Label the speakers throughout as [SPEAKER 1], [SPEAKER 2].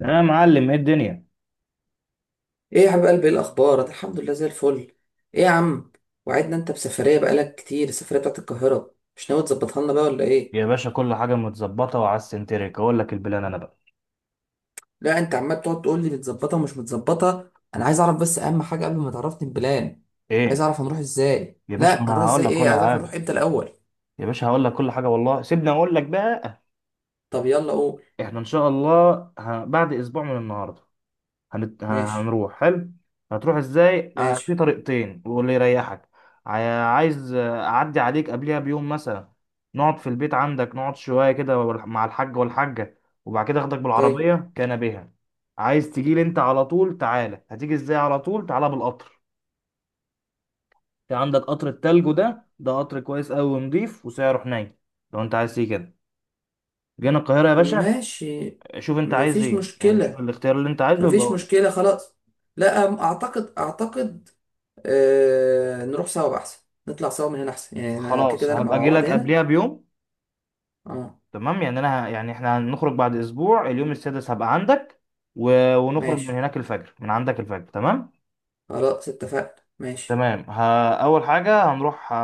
[SPEAKER 1] يا معلم ايه الدنيا؟
[SPEAKER 2] ايه يا حبيب قلبي، ايه الاخبار؟ الحمد لله زي الفل. ايه يا عم، وعدنا انت بسفريه بقالك كتير، السفريه بتاعت القاهره مش ناوي تظبطها لنا بقى ولا ايه؟
[SPEAKER 1] يا باشا كل حاجه متظبطه، وعلى السنتريك اقول لك البلان انا بقى.
[SPEAKER 2] لا انت عمال تقعد تقول لي متظبطه ومش متظبطه، انا عايز اعرف بس اهم حاجه قبل ما تعرفني البلان. عايز
[SPEAKER 1] ايه؟
[SPEAKER 2] اعرف هنروح ازاي؟
[SPEAKER 1] يا باشا
[SPEAKER 2] لا
[SPEAKER 1] انا
[SPEAKER 2] هنروح
[SPEAKER 1] هقول
[SPEAKER 2] ازاي
[SPEAKER 1] لك
[SPEAKER 2] ايه،
[SPEAKER 1] كل
[SPEAKER 2] عايز اعرف
[SPEAKER 1] حاجه.
[SPEAKER 2] هنروح امتى الاول.
[SPEAKER 1] يا باشا هقول لك كل حاجه والله، سيبني اقول لك بقى.
[SPEAKER 2] طب يلا قول.
[SPEAKER 1] احنا ان شاء الله بعد اسبوع من النهارده
[SPEAKER 2] ماشي.
[SPEAKER 1] هنروح. حلو. هتروح ازاي؟ في
[SPEAKER 2] ماشي.
[SPEAKER 1] طريقتين واللي يريحك. عايز اعدي عليك قبلها بيوم مثلا، نقعد في البيت عندك، نقعد شويه كده مع الحاج والحاجه، وبعد كده اخدك
[SPEAKER 2] طيب.
[SPEAKER 1] بالعربيه كان بها. عايز تجيلي انت على طول؟ تعالى. هتيجي ازاي على طول؟ تعالى بالقطر، في عندك قطر التلج ده، قطر كويس قوي ونضيف وسعره حنين، لو انت عايز تيجي كده. جينا القاهره يا باشا،
[SPEAKER 2] ماشي.
[SPEAKER 1] شوف انت عايز
[SPEAKER 2] مفيش
[SPEAKER 1] ايه يعني، شوف
[SPEAKER 2] مشكله.
[SPEAKER 1] الاختيار اللي انت عايزه يبقى
[SPEAKER 2] مفيش
[SPEAKER 1] قول.
[SPEAKER 2] مشكله خلاص. لا، اعتقد آه، نروح سوا بقى احسن. نطلع سوا من هنا احسن، يعني انا كده
[SPEAKER 1] خلاص،
[SPEAKER 2] كده نبقى
[SPEAKER 1] هبقى
[SPEAKER 2] مع
[SPEAKER 1] اجي
[SPEAKER 2] بعض
[SPEAKER 1] لك
[SPEAKER 2] هنا.
[SPEAKER 1] قبلها بيوم.
[SPEAKER 2] اه.
[SPEAKER 1] تمام يعني انا يعني احنا هنخرج بعد اسبوع، اليوم السادس هبقى عندك، ونخرج من
[SPEAKER 2] ماشي
[SPEAKER 1] هناك الفجر، من عندك الفجر. تمام
[SPEAKER 2] خلاص اتفقنا. ماشي.
[SPEAKER 1] تمام ها، اول حاجه هنروح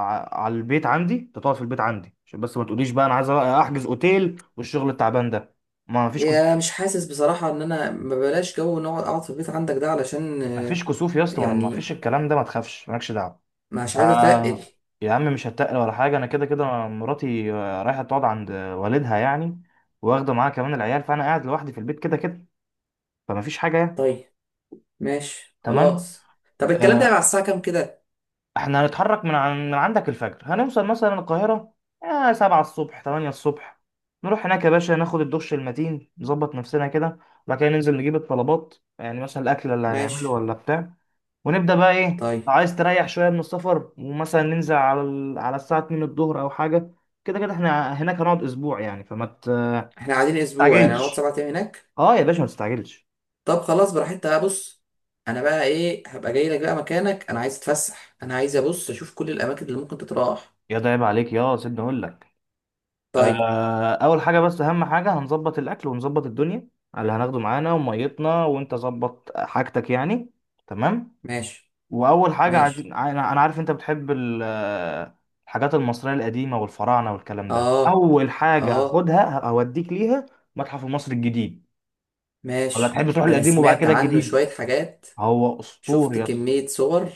[SPEAKER 1] على البيت عندي، انت تقعد في البيت عندي، عشان بس ما تقوليش بقى انا عايز احجز اوتيل والشغل التعبان ده. ما فيش كسوف،
[SPEAKER 2] يا مش حاسس بصراحة ان انا، ما بلاش جو نقعد اقعد في البيت عندك ده، علشان
[SPEAKER 1] ما فيش كسوف يا اسطى، ما
[SPEAKER 2] يعني
[SPEAKER 1] فيش الكلام ده، ما تخافش، مالكش دعوه.
[SPEAKER 2] مش عايز اتقل.
[SPEAKER 1] آه، يا عم مش هتقل ولا حاجه، انا كده كده مراتي رايحه تقعد عند والدها يعني، واخده معاها كمان العيال، فانا قاعد لوحدي في البيت كده كده، فما فيش حاجه يعني.
[SPEAKER 2] طيب. ماشي
[SPEAKER 1] تمام.
[SPEAKER 2] خلاص. طب الكلام ده يبقى على
[SPEAKER 1] آه،
[SPEAKER 2] الساعة كام كده؟
[SPEAKER 1] احنا هنتحرك من عندك الفجر، هنوصل مثلا القاهرة سبعة الصبح، تمانية الصبح، نروح هناك يا باشا ناخد الدش المتين، نظبط نفسنا كده، وبعد كده ننزل نجيب الطلبات، يعني مثلا الأكل اللي
[SPEAKER 2] ماشي.
[SPEAKER 1] هنعمله ولا بتاع، ونبدأ بقى إيه. لو
[SPEAKER 2] طيب.
[SPEAKER 1] عايز تريح شوية من السفر، ومثلا ننزل على الساعة 2 الظهر أو حاجة، كده كده احنا هناك هنقعد أسبوع يعني،
[SPEAKER 2] احنا قاعدين اسبوع؟ يعني هنقعد
[SPEAKER 1] تستعجلش.
[SPEAKER 2] سبعة ايام هناك؟
[SPEAKER 1] اه يا باشا ما تستعجلش.
[SPEAKER 2] طب خلاص براحتها، بص. انا بقى ايه، هبقى جاي لك بقى مكانك، انا عايز اتفسح، انا عايز ابص اشوف كل الاماكن اللي ممكن تتراح.
[SPEAKER 1] يا ده عيب عليك، يا سيبني أقول لك.
[SPEAKER 2] طيب.
[SPEAKER 1] اول حاجه، بس اهم حاجه، هنظبط الاكل ونظبط الدنيا على اللي هناخده معانا وميتنا، وانت ظبط حاجتك يعني. تمام.
[SPEAKER 2] ماشي.
[SPEAKER 1] واول حاجه عايزين
[SPEAKER 2] ماشي.
[SPEAKER 1] انا، أنا عارف انت بتحب الحاجات المصريه القديمه والفراعنه والكلام ده،
[SPEAKER 2] اه.
[SPEAKER 1] اول حاجه
[SPEAKER 2] اه.
[SPEAKER 1] هاخدها هوديك ليها. متحف مصر الجديد، ولا
[SPEAKER 2] ماشي،
[SPEAKER 1] تحب تروح
[SPEAKER 2] ده انا
[SPEAKER 1] القديم وبعد
[SPEAKER 2] سمعت
[SPEAKER 1] كده
[SPEAKER 2] عنه
[SPEAKER 1] الجديد؟
[SPEAKER 2] شوية حاجات.
[SPEAKER 1] هو
[SPEAKER 2] شفت
[SPEAKER 1] اسطوري،
[SPEAKER 2] كمية صور.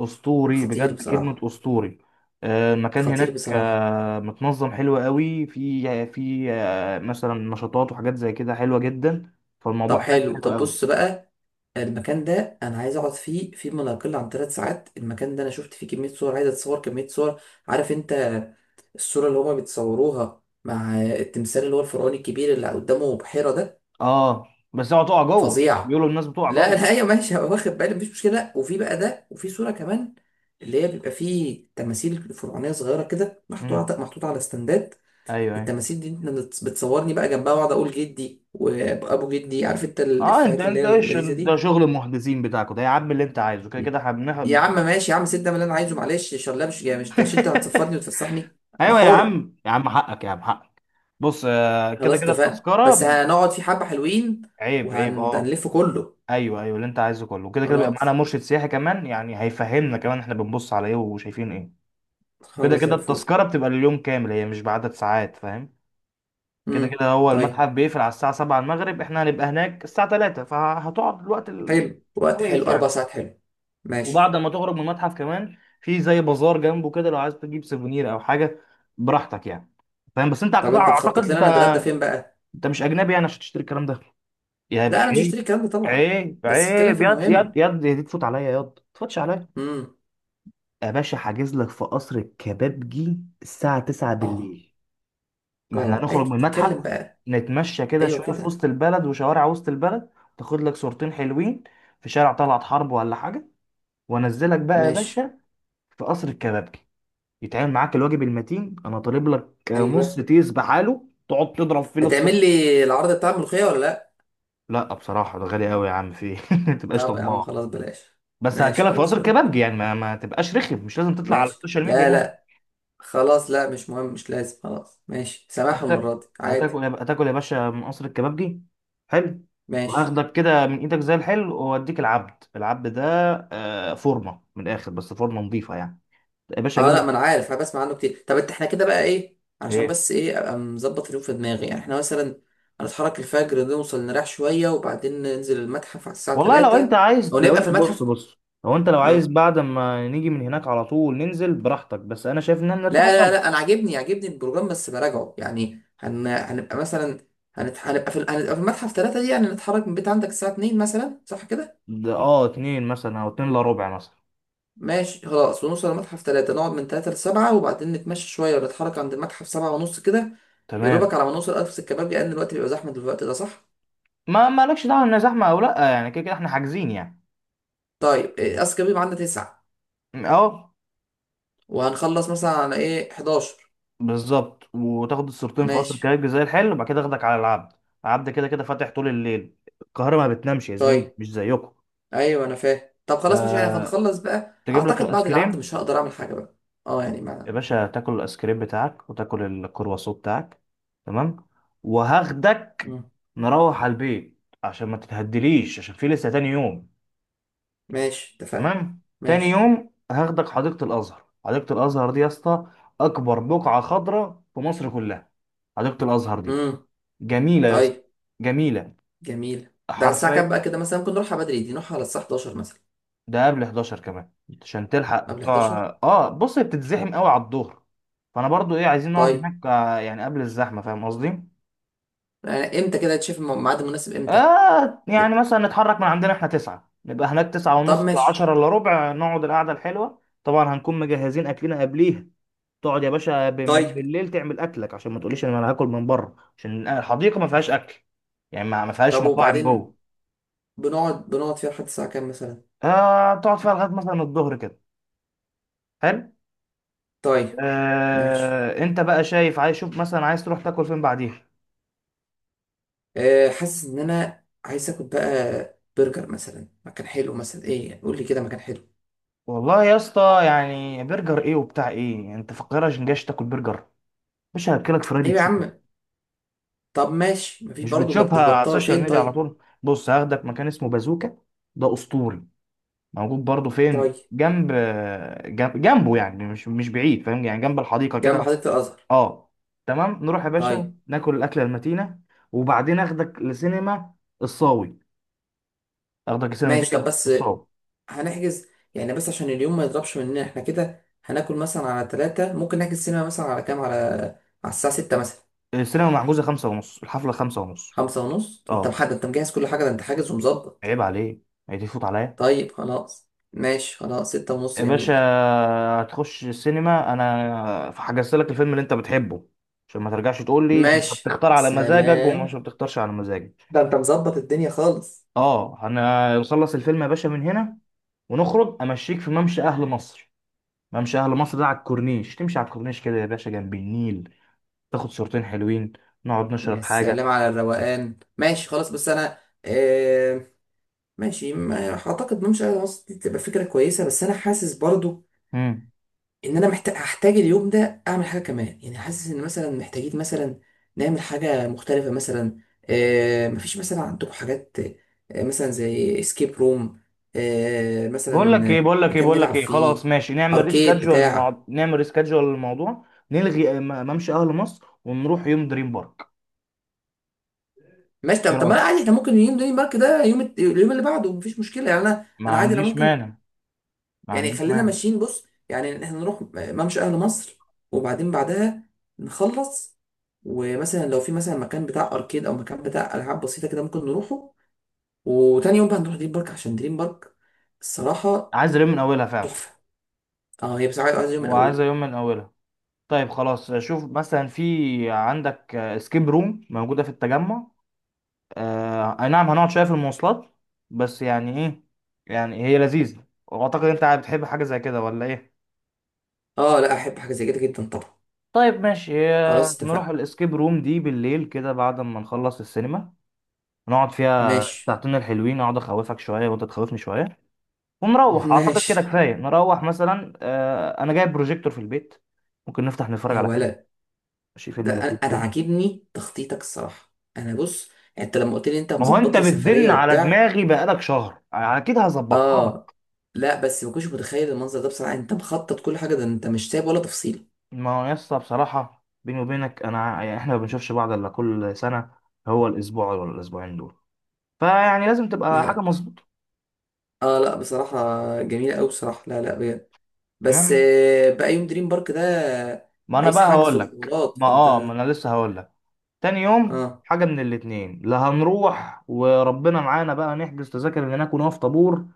[SPEAKER 1] اسطوري
[SPEAKER 2] خطير
[SPEAKER 1] بجد، كلمه
[SPEAKER 2] بصراحة.
[SPEAKER 1] اسطوري. المكان
[SPEAKER 2] خطير
[SPEAKER 1] هناك
[SPEAKER 2] بصراحة.
[SPEAKER 1] متنظم حلو قوي، في مثلا نشاطات وحاجات زي كده حلوه جدا،
[SPEAKER 2] طب
[SPEAKER 1] فالموضوع هناك
[SPEAKER 2] حلو،
[SPEAKER 1] حلو
[SPEAKER 2] طب
[SPEAKER 1] قوي.
[SPEAKER 2] بص بقى. المكان ده انا عايز اقعد فيه في ما لا يقل عن ثلاث ساعات، المكان ده انا شفت فيه كمية صور، عايز اتصور كمية صور، عارف انت؟ الصورة اللي هما بيتصوروها مع التمثال اللي هو الفرعوني الكبير اللي قدامه بحيرة ده.
[SPEAKER 1] اه، بس اوعى تقع جوه،
[SPEAKER 2] فظيع.
[SPEAKER 1] بيقولوا الناس بتقع
[SPEAKER 2] لا
[SPEAKER 1] جوه.
[SPEAKER 2] لا ايوه ماشي، هبقى واخد بالي، مفيش مشكله. وفي بقى ده، وفي صوره كمان، اللي هي بيبقى فيه تماثيل فرعونيه صغيره كده
[SPEAKER 1] امم،
[SPEAKER 2] محطوطه محطوطه على استندات.
[SPEAKER 1] ايوه ايوه.
[SPEAKER 2] التماثيل دي انت بتصورني بقى جنبها، واقعد اقول جدي وابو جدي، عارف انت
[SPEAKER 1] اه، انت
[SPEAKER 2] الافيهات اللي
[SPEAKER 1] انت
[SPEAKER 2] هي
[SPEAKER 1] ايش
[SPEAKER 2] اللذيذه
[SPEAKER 1] ده،
[SPEAKER 2] دي.
[SPEAKER 1] شغل المحدثين بتاعكوا ده يا عم، اللي انت عايزه كده كده هبنها.
[SPEAKER 2] يا عم ماشي يا عم، سيب ده من اللي انا عايزه، معلش شلة، مش جاي مش مش انت هتصفرني وتفسحني؟ انا
[SPEAKER 1] ايوه يا
[SPEAKER 2] حر.
[SPEAKER 1] عم، يا عم حقك، يا عم حقك. بص، كده
[SPEAKER 2] خلاص
[SPEAKER 1] كده
[SPEAKER 2] اتفقنا،
[SPEAKER 1] التذكره.
[SPEAKER 2] بس هنقعد في حبه حلوين
[SPEAKER 1] عيب، عيب، اه.
[SPEAKER 2] وهنلف كله.
[SPEAKER 1] ايوه ايوه، اللي انت عايزه كله، وكده كده بيبقى معانا
[SPEAKER 2] خلاص.
[SPEAKER 1] مرشد سياحي كمان، يعني هيفهمنا كمان احنا بنبص على ايه وشايفين ايه. وكده
[SPEAKER 2] خلاص زي
[SPEAKER 1] كده
[SPEAKER 2] الفل.
[SPEAKER 1] التذكره بتبقى اليوم كامل، هي مش بعدد ساعات، فاهم. كده
[SPEAKER 2] امم.
[SPEAKER 1] كده هو
[SPEAKER 2] طيب
[SPEAKER 1] المتحف بيقفل على الساعه 7 المغرب، احنا هنبقى هناك الساعه 3،
[SPEAKER 2] حلو، وقت حلو،
[SPEAKER 1] كويس
[SPEAKER 2] اربع
[SPEAKER 1] يعني.
[SPEAKER 2] ساعات حلو. ماشي.
[SPEAKER 1] وبعد ما تخرج من المتحف كمان في زي بازار جنبه كده، لو عايز تجيب سيفونير او حاجه براحتك يعني، فاهم. بس انت
[SPEAKER 2] طب انت
[SPEAKER 1] اعتقد
[SPEAKER 2] مخطط
[SPEAKER 1] انت،
[SPEAKER 2] لنا نتغدى فين بقى؟
[SPEAKER 1] انت مش اجنبي يعني عشان تشتري الكلام ده، يا
[SPEAKER 2] لا انا مش
[SPEAKER 1] عيب،
[SPEAKER 2] هشتري الكلام ده طبعا.
[SPEAKER 1] عيب
[SPEAKER 2] بس اتكلم في
[SPEAKER 1] عيب، ياض ياض
[SPEAKER 2] المهم.
[SPEAKER 1] ياض، دي تفوت عليا ياض؟ ما تفوتش.
[SPEAKER 2] امم.
[SPEAKER 1] يا باشا حاجز لك في قصر الكبابجي الساعة 9
[SPEAKER 2] اه.
[SPEAKER 1] بالليل، ما احنا
[SPEAKER 2] اه أي-
[SPEAKER 1] هنخرج من المتحف،
[SPEAKER 2] اتكلم بقى.
[SPEAKER 1] نتمشى كده
[SPEAKER 2] ايوه
[SPEAKER 1] شوية في
[SPEAKER 2] كده.
[SPEAKER 1] وسط البلد وشوارع وسط البلد، تاخد لك صورتين حلوين في شارع طلعت حرب ولا حاجة، وانزلك بقى يا
[SPEAKER 2] ماشي.
[SPEAKER 1] باشا في قصر الكبابجي، يتعامل معاك الواجب المتين، انا طالب لك نص
[SPEAKER 2] ايوه،
[SPEAKER 1] تيس بحاله تقعد تضرب فيه
[SPEAKER 2] هتعمل
[SPEAKER 1] للسوق.
[SPEAKER 2] لي العرض بتاع الملوخيه ولا لا؟
[SPEAKER 1] لا بصراحة ده غالي قوي يا عم، في إيه؟ ما تبقاش
[SPEAKER 2] طب يا عم
[SPEAKER 1] طماع،
[SPEAKER 2] خلاص بلاش.
[SPEAKER 1] بس
[SPEAKER 2] ماشي
[SPEAKER 1] هاكلك في
[SPEAKER 2] خلاص
[SPEAKER 1] قصر
[SPEAKER 2] بلاش.
[SPEAKER 1] الكبابجي يعني، ما تبقاش رخم، مش لازم تطلع على
[SPEAKER 2] ماشي.
[SPEAKER 1] السوشيال ميديا
[SPEAKER 2] لا
[SPEAKER 1] يعني.
[SPEAKER 2] لا. خلاص، لا مش مهم، مش لازم، خلاص ماشي، سامحهم
[SPEAKER 1] هت-
[SPEAKER 2] المره دي عادي.
[SPEAKER 1] هتاكل يا باشا من قصر الكبابجي. حلو.
[SPEAKER 2] ماشي.
[SPEAKER 1] وهاخدك كده من ايدك زي الحلو، واديك العبد ده فورمه من الاخر، بس فورمه نظيفه يعني، يا باشا اجيب
[SPEAKER 2] اه لا
[SPEAKER 1] لك
[SPEAKER 2] ما انا عارف، انا بسمع عنه كتير. طب انت، احنا كده بقى ايه علشان
[SPEAKER 1] ايه.
[SPEAKER 2] بس ايه، ابقى مظبط اليوم في دماغي، يعني احنا مثلا هنتحرك الفجر، نوصل نريح شويه، وبعدين ننزل المتحف على الساعه
[SPEAKER 1] والله لو انت
[SPEAKER 2] 3،
[SPEAKER 1] عايز،
[SPEAKER 2] او
[SPEAKER 1] لو
[SPEAKER 2] نبقى في
[SPEAKER 1] انت بص
[SPEAKER 2] المتحف؟
[SPEAKER 1] بص، لو عايز
[SPEAKER 2] اه.
[SPEAKER 1] بعد ما نيجي من هناك على طول ننزل براحتك، بس انا شايف ان انا نرتاح
[SPEAKER 2] لا لا
[SPEAKER 1] الاول.
[SPEAKER 2] لا، انا عاجبني عاجبني البروجرام، بس براجعه. يعني هن... هنبقى مثلا هنت... هنبقى في ال- هنبقى في المتحف 3 دي، يعني نتحرك من بيت عندك الساعه 2 مثلا، صح كده؟
[SPEAKER 1] ده اه، اتنين مثلا او اتنين الا ربع مثلا.
[SPEAKER 2] ماشي خلاص، ونوصل المتحف 3، نقعد من 3 ل 7، وبعدين نتمشى شويه ونتحرك عند المتحف 7 ونص كده. يا
[SPEAKER 1] تمام.
[SPEAKER 2] دوبك على ما نوصل ألف سكة كباب، لأن الوقت بيبقى زحمة دلوقتي، ده صح؟
[SPEAKER 1] ما مالكش دعوه ان زحمه او لا يعني، كده كده احنا حاجزين يعني.
[SPEAKER 2] طيب اذكى بيبقى عندنا تسعة،
[SPEAKER 1] اه
[SPEAKER 2] وهنخلص مثلا على ايه، 11؟
[SPEAKER 1] بالظبط، وتاخد الصورتين في قصر
[SPEAKER 2] ماشي.
[SPEAKER 1] كليب زي الحلو، وبعد كده اخدك على العبد، العبد كده كده فاتح طول الليل، القاهرة ما بتنامش يا زميلي،
[SPEAKER 2] طيب
[SPEAKER 1] مش زيكم.
[SPEAKER 2] ايوه انا فاهم، طب خلاص مش يعني،
[SPEAKER 1] أه...
[SPEAKER 2] هنخلص بقى
[SPEAKER 1] تجيب لك
[SPEAKER 2] اعتقد،
[SPEAKER 1] الايس
[SPEAKER 2] بعد العبد
[SPEAKER 1] كريم،
[SPEAKER 2] مش هقدر اعمل حاجة بقى. اه يعني
[SPEAKER 1] يا
[SPEAKER 2] ما.
[SPEAKER 1] باشا تاكل الايس كريم بتاعك وتاكل الكرواسون بتاعك. تمام. وهاخدك
[SPEAKER 2] مم.
[SPEAKER 1] نروح على البيت، عشان ما تتهدليش، عشان في لسه تاني يوم.
[SPEAKER 2] ماشي اتفقنا.
[SPEAKER 1] تمام، تاني
[SPEAKER 2] ماشي.
[SPEAKER 1] يوم هاخدك حديقة الازهر، حديقة الازهر دي يا اسطى اكبر بقعة خضراء في مصر كلها، حديقة الازهر دي
[SPEAKER 2] امم.
[SPEAKER 1] جميلة يا اسطى،
[SPEAKER 2] طيب.
[SPEAKER 1] جميلة
[SPEAKER 2] جميل. ده على الساعة كام
[SPEAKER 1] حرفيا.
[SPEAKER 2] بقى كده؟ مثلا ممكن نروحها بدري دي، نروحها على الساعة 11 مثلا؟
[SPEAKER 1] ده قبل 11 كمان، عشان
[SPEAKER 2] قبل 11.
[SPEAKER 1] اه بص، هي بتتزحم قوي على الظهر، فانا برضو ايه، عايزين نقعد
[SPEAKER 2] طيب
[SPEAKER 1] هناك يعني قبل الزحمه، فاهم قصدي.
[SPEAKER 2] يعني امتى كده، تشوف الميعاد المناسب امتى.
[SPEAKER 1] آه، يعني
[SPEAKER 2] لا.
[SPEAKER 1] مثلا نتحرك من عندنا احنا تسعة، نبقى هناك تسعة
[SPEAKER 2] طب
[SPEAKER 1] ونص،
[SPEAKER 2] ماشي.
[SPEAKER 1] عشرة إلا ربع، نقعد القعدة الحلوة، طبعا هنكون مجهزين أكلنا قبليها. تقعد يا باشا من
[SPEAKER 2] طيب.
[SPEAKER 1] بالليل تعمل أكلك، عشان ما تقوليش إن أنا هاكل من بره، عشان الحديقة ما فيهاش أكل يعني، ما فيهاش
[SPEAKER 2] طب
[SPEAKER 1] مطاعم
[SPEAKER 2] وبعدين،
[SPEAKER 1] جوه.
[SPEAKER 2] بنقعد بنقعد فيها لحد الساعة كام مثلا؟
[SPEAKER 1] آه، تقعد فيها لغاية مثلا الظهر كده. حلو.
[SPEAKER 2] طيب. ماشي.
[SPEAKER 1] انت بقى شايف، عايز شوف مثلا عايز تروح تاكل فين بعديها.
[SPEAKER 2] آه، حاسس ان انا عايز اكل بقى. برجر مثلا، مكان حلو، مثلا ايه يعني، قول لي كده مكان حلو.
[SPEAKER 1] والله يا اسطى، يعني برجر ايه وبتاع ايه يعني، انت فقير عشان جايش تاكل برجر؟ مش هاكلك فرايدي
[SPEAKER 2] ايوه يا
[SPEAKER 1] تشيكن،
[SPEAKER 2] عم. طب ماشي، مفيش
[SPEAKER 1] مش
[SPEAKER 2] برضه، مش
[SPEAKER 1] بتشوفها على
[SPEAKER 2] بطال،
[SPEAKER 1] السوشيال
[SPEAKER 2] فين
[SPEAKER 1] ميديا على
[SPEAKER 2] طيب؟
[SPEAKER 1] طول؟ بص هاخدك مكان اسمه بازوكا، ده اسطوري، موجود برضه
[SPEAKER 2] طيب.
[SPEAKER 1] فين، جنب جنبه يعني، مش بعيد، فاهم يعني، جنب الحديقه
[SPEAKER 2] جنب
[SPEAKER 1] كده.
[SPEAKER 2] حديقة الازهر.
[SPEAKER 1] اه، تمام، نروح يا باشا
[SPEAKER 2] طيب.
[SPEAKER 1] ناكل الاكله المتينه، وبعدين اخدك لسينما الصاوي، اخدك لسينما
[SPEAKER 2] ماشي. طب بس
[SPEAKER 1] الصاوي.
[SPEAKER 2] هنحجز؟ يعني بس عشان اليوم ما يضربش مننا، احنا كده هناكل مثلا على ثلاثة، ممكن نحجز سينما مثلا على كام، على على الساعة ستة مثلا؟
[SPEAKER 1] السينما محجوزة خمسة ونص، الحفلة خمسة ونص.
[SPEAKER 2] خمسة ونص؟ انت
[SPEAKER 1] اه،
[SPEAKER 2] محدد، انت مجهز كل حاجة، ده انت حاجز ومظبط.
[SPEAKER 1] عيب عليه، عيب يفوت عليا.
[SPEAKER 2] طيب خلاص ماشي، خلاص ستة ونص،
[SPEAKER 1] يا باشا
[SPEAKER 2] جميل.
[SPEAKER 1] هتخش السينما، انا حجزت لك الفيلم اللي انت بتحبه، عشان ما ترجعش تقول لي انت
[SPEAKER 2] ماشي
[SPEAKER 1] بتختار على مزاجك ومش
[SPEAKER 2] سلام.
[SPEAKER 1] بتختارش على مزاجك.
[SPEAKER 2] ده انت مظبط الدنيا خالص.
[SPEAKER 1] اه، انا نخلص الفيلم يا باشا من هنا ونخرج امشيك في ممشى اهل مصر، ممشى اهل مصر ده على الكورنيش، تمشي على الكورنيش كده يا باشا جنب النيل، تاخد صورتين حلوين، نقعد
[SPEAKER 2] يا
[SPEAKER 1] نشرب
[SPEAKER 2] سلام
[SPEAKER 1] حاجة.
[SPEAKER 2] على الروقان، ماشي خلاص. بس انا آه، ماشي، ما اعتقد ممشى على مصر دي تبقى فكره كويسه، بس انا حاسس برضو
[SPEAKER 1] مم.
[SPEAKER 2] ان انا محتاج، هحتاج اليوم ده اعمل حاجه كمان. يعني حاسس ان مثلا محتاجين مثلا نعمل حاجه مختلفه مثلا. آه، مفيش مثلا عندكم حاجات آه مثلا زي اسكيب روم، آه مثلا
[SPEAKER 1] بقول لك ايه،
[SPEAKER 2] مكان نلعب
[SPEAKER 1] خلاص
[SPEAKER 2] فيه،
[SPEAKER 1] ماشي، نعمل
[SPEAKER 2] اركيد
[SPEAKER 1] ريسكادجوال
[SPEAKER 2] بتاع.
[SPEAKER 1] للموضوع، نلغي ممشى اهل مصر ونروح يوم دريم بارك،
[SPEAKER 2] ماشي. طب
[SPEAKER 1] ايه
[SPEAKER 2] طب ما
[SPEAKER 1] رايك؟
[SPEAKER 2] عادي، احنا ممكن يوم دني مارك ده يوم اليوم اللي بعده، مفيش مشكله يعني. انا،
[SPEAKER 1] ما
[SPEAKER 2] انا عادي، انا
[SPEAKER 1] عنديش
[SPEAKER 2] ممكن
[SPEAKER 1] مانع، ما
[SPEAKER 2] يعني،
[SPEAKER 1] عنديش
[SPEAKER 2] خلينا
[SPEAKER 1] مانع،
[SPEAKER 2] ماشيين. بص يعني، احنا نروح ممشى اهل مصر وبعدين بعدها نخلص، ومثلا لو في مثلا مكان بتاع اركيد او مكان بتاع العاب بسيطه كده، ممكن نروحه. وتاني يوم بقى نروح دريم بارك، عشان دريم بارك الصراحه
[SPEAKER 1] عايز يوم من اولها فعلا،
[SPEAKER 2] تحفه. اه هي بصراحه عايز يوم من
[SPEAKER 1] وعايزه
[SPEAKER 2] اوله.
[SPEAKER 1] يوم من اولها. طيب خلاص، شوف مثلا في عندك سكيب روم موجوده في التجمع، آه اي نعم هنقعد شويه في المواصلات، بس يعني ايه، يعني هي لذيذه، واعتقد انت بتحب حاجه زي كده ولا ايه؟
[SPEAKER 2] اه لا، احب حاجه زي كده جدا طبعا.
[SPEAKER 1] طيب ماشي،
[SPEAKER 2] خلاص
[SPEAKER 1] نروح
[SPEAKER 2] اتفقنا.
[SPEAKER 1] الاسكيب روم دي بالليل كده بعد ما نخلص السينما، نقعد فيها
[SPEAKER 2] ماشي.
[SPEAKER 1] ساعتين الحلوين، اقعد اخوفك شويه وانت تخوفني شويه، ونروح، اعتقد
[SPEAKER 2] ماشي.
[SPEAKER 1] كده كفايه، نروح مثلا انا جايب بروجيكتور في البيت، ممكن نفتح نتفرج
[SPEAKER 2] يا
[SPEAKER 1] على فيلم،
[SPEAKER 2] ولد،
[SPEAKER 1] ماشي
[SPEAKER 2] ده
[SPEAKER 1] فيلم
[SPEAKER 2] انا،
[SPEAKER 1] لذيذ
[SPEAKER 2] أنا
[SPEAKER 1] كده.
[SPEAKER 2] عاجبني تخطيطك الصراحه. انا بص، انت لما قلت لي انت
[SPEAKER 1] ما هو انت
[SPEAKER 2] مظبط لي سفريه
[SPEAKER 1] بتزن على
[SPEAKER 2] وبتاع.
[SPEAKER 1] دماغي بقالك شهر، اكيد هظبطها
[SPEAKER 2] اه.
[SPEAKER 1] لك.
[SPEAKER 2] لا بس ما كنتش متخيل المنظر ده بصراحه، انت مخطط كل حاجه، ده انت مش سايب ولا تفصيله.
[SPEAKER 1] ما هو يسطا بصراحه بيني وبينك انا، يعني احنا ما بنشوفش بعض الا كل سنه، هو الاسبوع ولا الاسبوعين دول، فيعني لازم تبقى حاجه
[SPEAKER 2] لا.
[SPEAKER 1] مظبوطه.
[SPEAKER 2] اه لا بصراحه، جميله قوي بصراحه. لا لا بجد. بس
[SPEAKER 1] تمام.
[SPEAKER 2] آه، بقى يوم دريم بارك ده،
[SPEAKER 1] ما انا
[SPEAKER 2] عايز
[SPEAKER 1] بقى
[SPEAKER 2] حجز
[SPEAKER 1] هقول لك،
[SPEAKER 2] وحوارات؟
[SPEAKER 1] ما اه ما
[SPEAKER 2] فانت
[SPEAKER 1] انا لسه هقول لك، تاني
[SPEAKER 2] اه،
[SPEAKER 1] يوم حاجه من الاتنين، لا هنروح وربنا معانا بقى، نحجز تذاكر من هناك ونقف طابور؟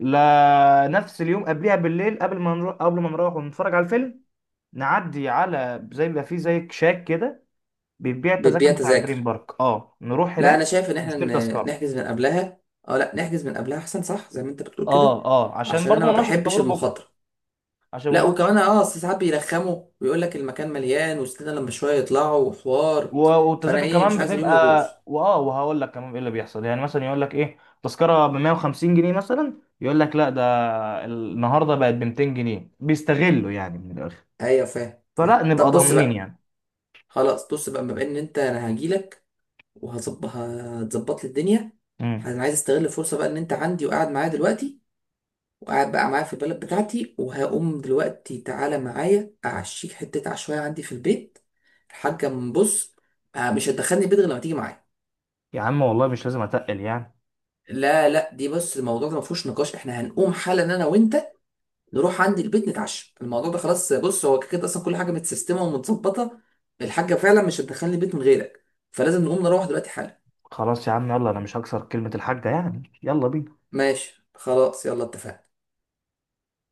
[SPEAKER 1] لا، نفس اليوم قبلها بالليل، قبل ما نروح ونتفرج على الفيلم، نعدي على زي بيبقى فيه زي كشاك كده، بيبيع التذاكر
[SPEAKER 2] بتبيع
[SPEAKER 1] بتاع دريم
[SPEAKER 2] تذاكر؟
[SPEAKER 1] بارك، اه نروح
[SPEAKER 2] لا
[SPEAKER 1] هناك
[SPEAKER 2] انا شايف ان احنا
[SPEAKER 1] نشتري تذكره،
[SPEAKER 2] نحجز من قبلها. اه لا نحجز من قبلها احسن، صح، زي ما انت بتقول كده.
[SPEAKER 1] اه اه، عشان
[SPEAKER 2] عشان
[SPEAKER 1] برضه
[SPEAKER 2] انا
[SPEAKER 1] ما
[SPEAKER 2] ما
[SPEAKER 1] نقفش في
[SPEAKER 2] بحبش
[SPEAKER 1] الطابور بكره،
[SPEAKER 2] المخاطره.
[SPEAKER 1] عشان ما
[SPEAKER 2] لا
[SPEAKER 1] نقفش،
[SPEAKER 2] وكمان اه، أصل ساعات بيرخموا ويقول لك المكان مليان، وستنا لما شويه يطلعوا، وحوار.
[SPEAKER 1] و-
[SPEAKER 2] فانا
[SPEAKER 1] والتذاكر
[SPEAKER 2] ايه،
[SPEAKER 1] كمان
[SPEAKER 2] مش عايز
[SPEAKER 1] بتبقى،
[SPEAKER 2] اليوم يبوظ.
[SPEAKER 1] واه، وهقول لك كمان ايه اللي بيحصل، يعني مثلا يقول لك ايه، تذكره ب 150 جنيه مثلا، يقول لك لا ده النهارده بقت ب 200 جنيه، بيستغلوا يعني من الاخر،
[SPEAKER 2] ايوه فاهم
[SPEAKER 1] فلا
[SPEAKER 2] فاهم. طب
[SPEAKER 1] نبقى
[SPEAKER 2] بص
[SPEAKER 1] ضامنين
[SPEAKER 2] بقى،
[SPEAKER 1] يعني.
[SPEAKER 2] خلاص بص بقى. بما ان انت، انا هجيلك وهظبط، هتظبط لي الدنيا.
[SPEAKER 1] امم.
[SPEAKER 2] انا عايز استغل الفرصه بقى ان انت عندي وقاعد معايا دلوقتي، وقاعد بقى معايا في البلد بتاعتي، وهقوم دلوقتي تعالى معايا، اعشيك حته عشوائيه عندي في البيت. الحاجه، من بص آه، مش هتدخلني البيت غير لما تيجي معايا.
[SPEAKER 1] يا عم والله مش لازم اتقل يعني.
[SPEAKER 2] لا لا، دي بص الموضوع ده ما فيهوش نقاش، احنا هنقوم حالا انا وانت، نروح عندي البيت نتعشى. الموضوع ده خلاص. بص هو كده كده اصلا كل حاجه متسيستمه ومتظبطه، الحاجه فعلا مش هتدخلني البيت من غيرك، فلازم نقوم نروح دلوقتي حالا.
[SPEAKER 1] خلاص يا عم يلا، انا مش هكسر كلمة الحاجة يعني، يلا بينا.
[SPEAKER 2] ماشي خلاص يلا اتفقنا.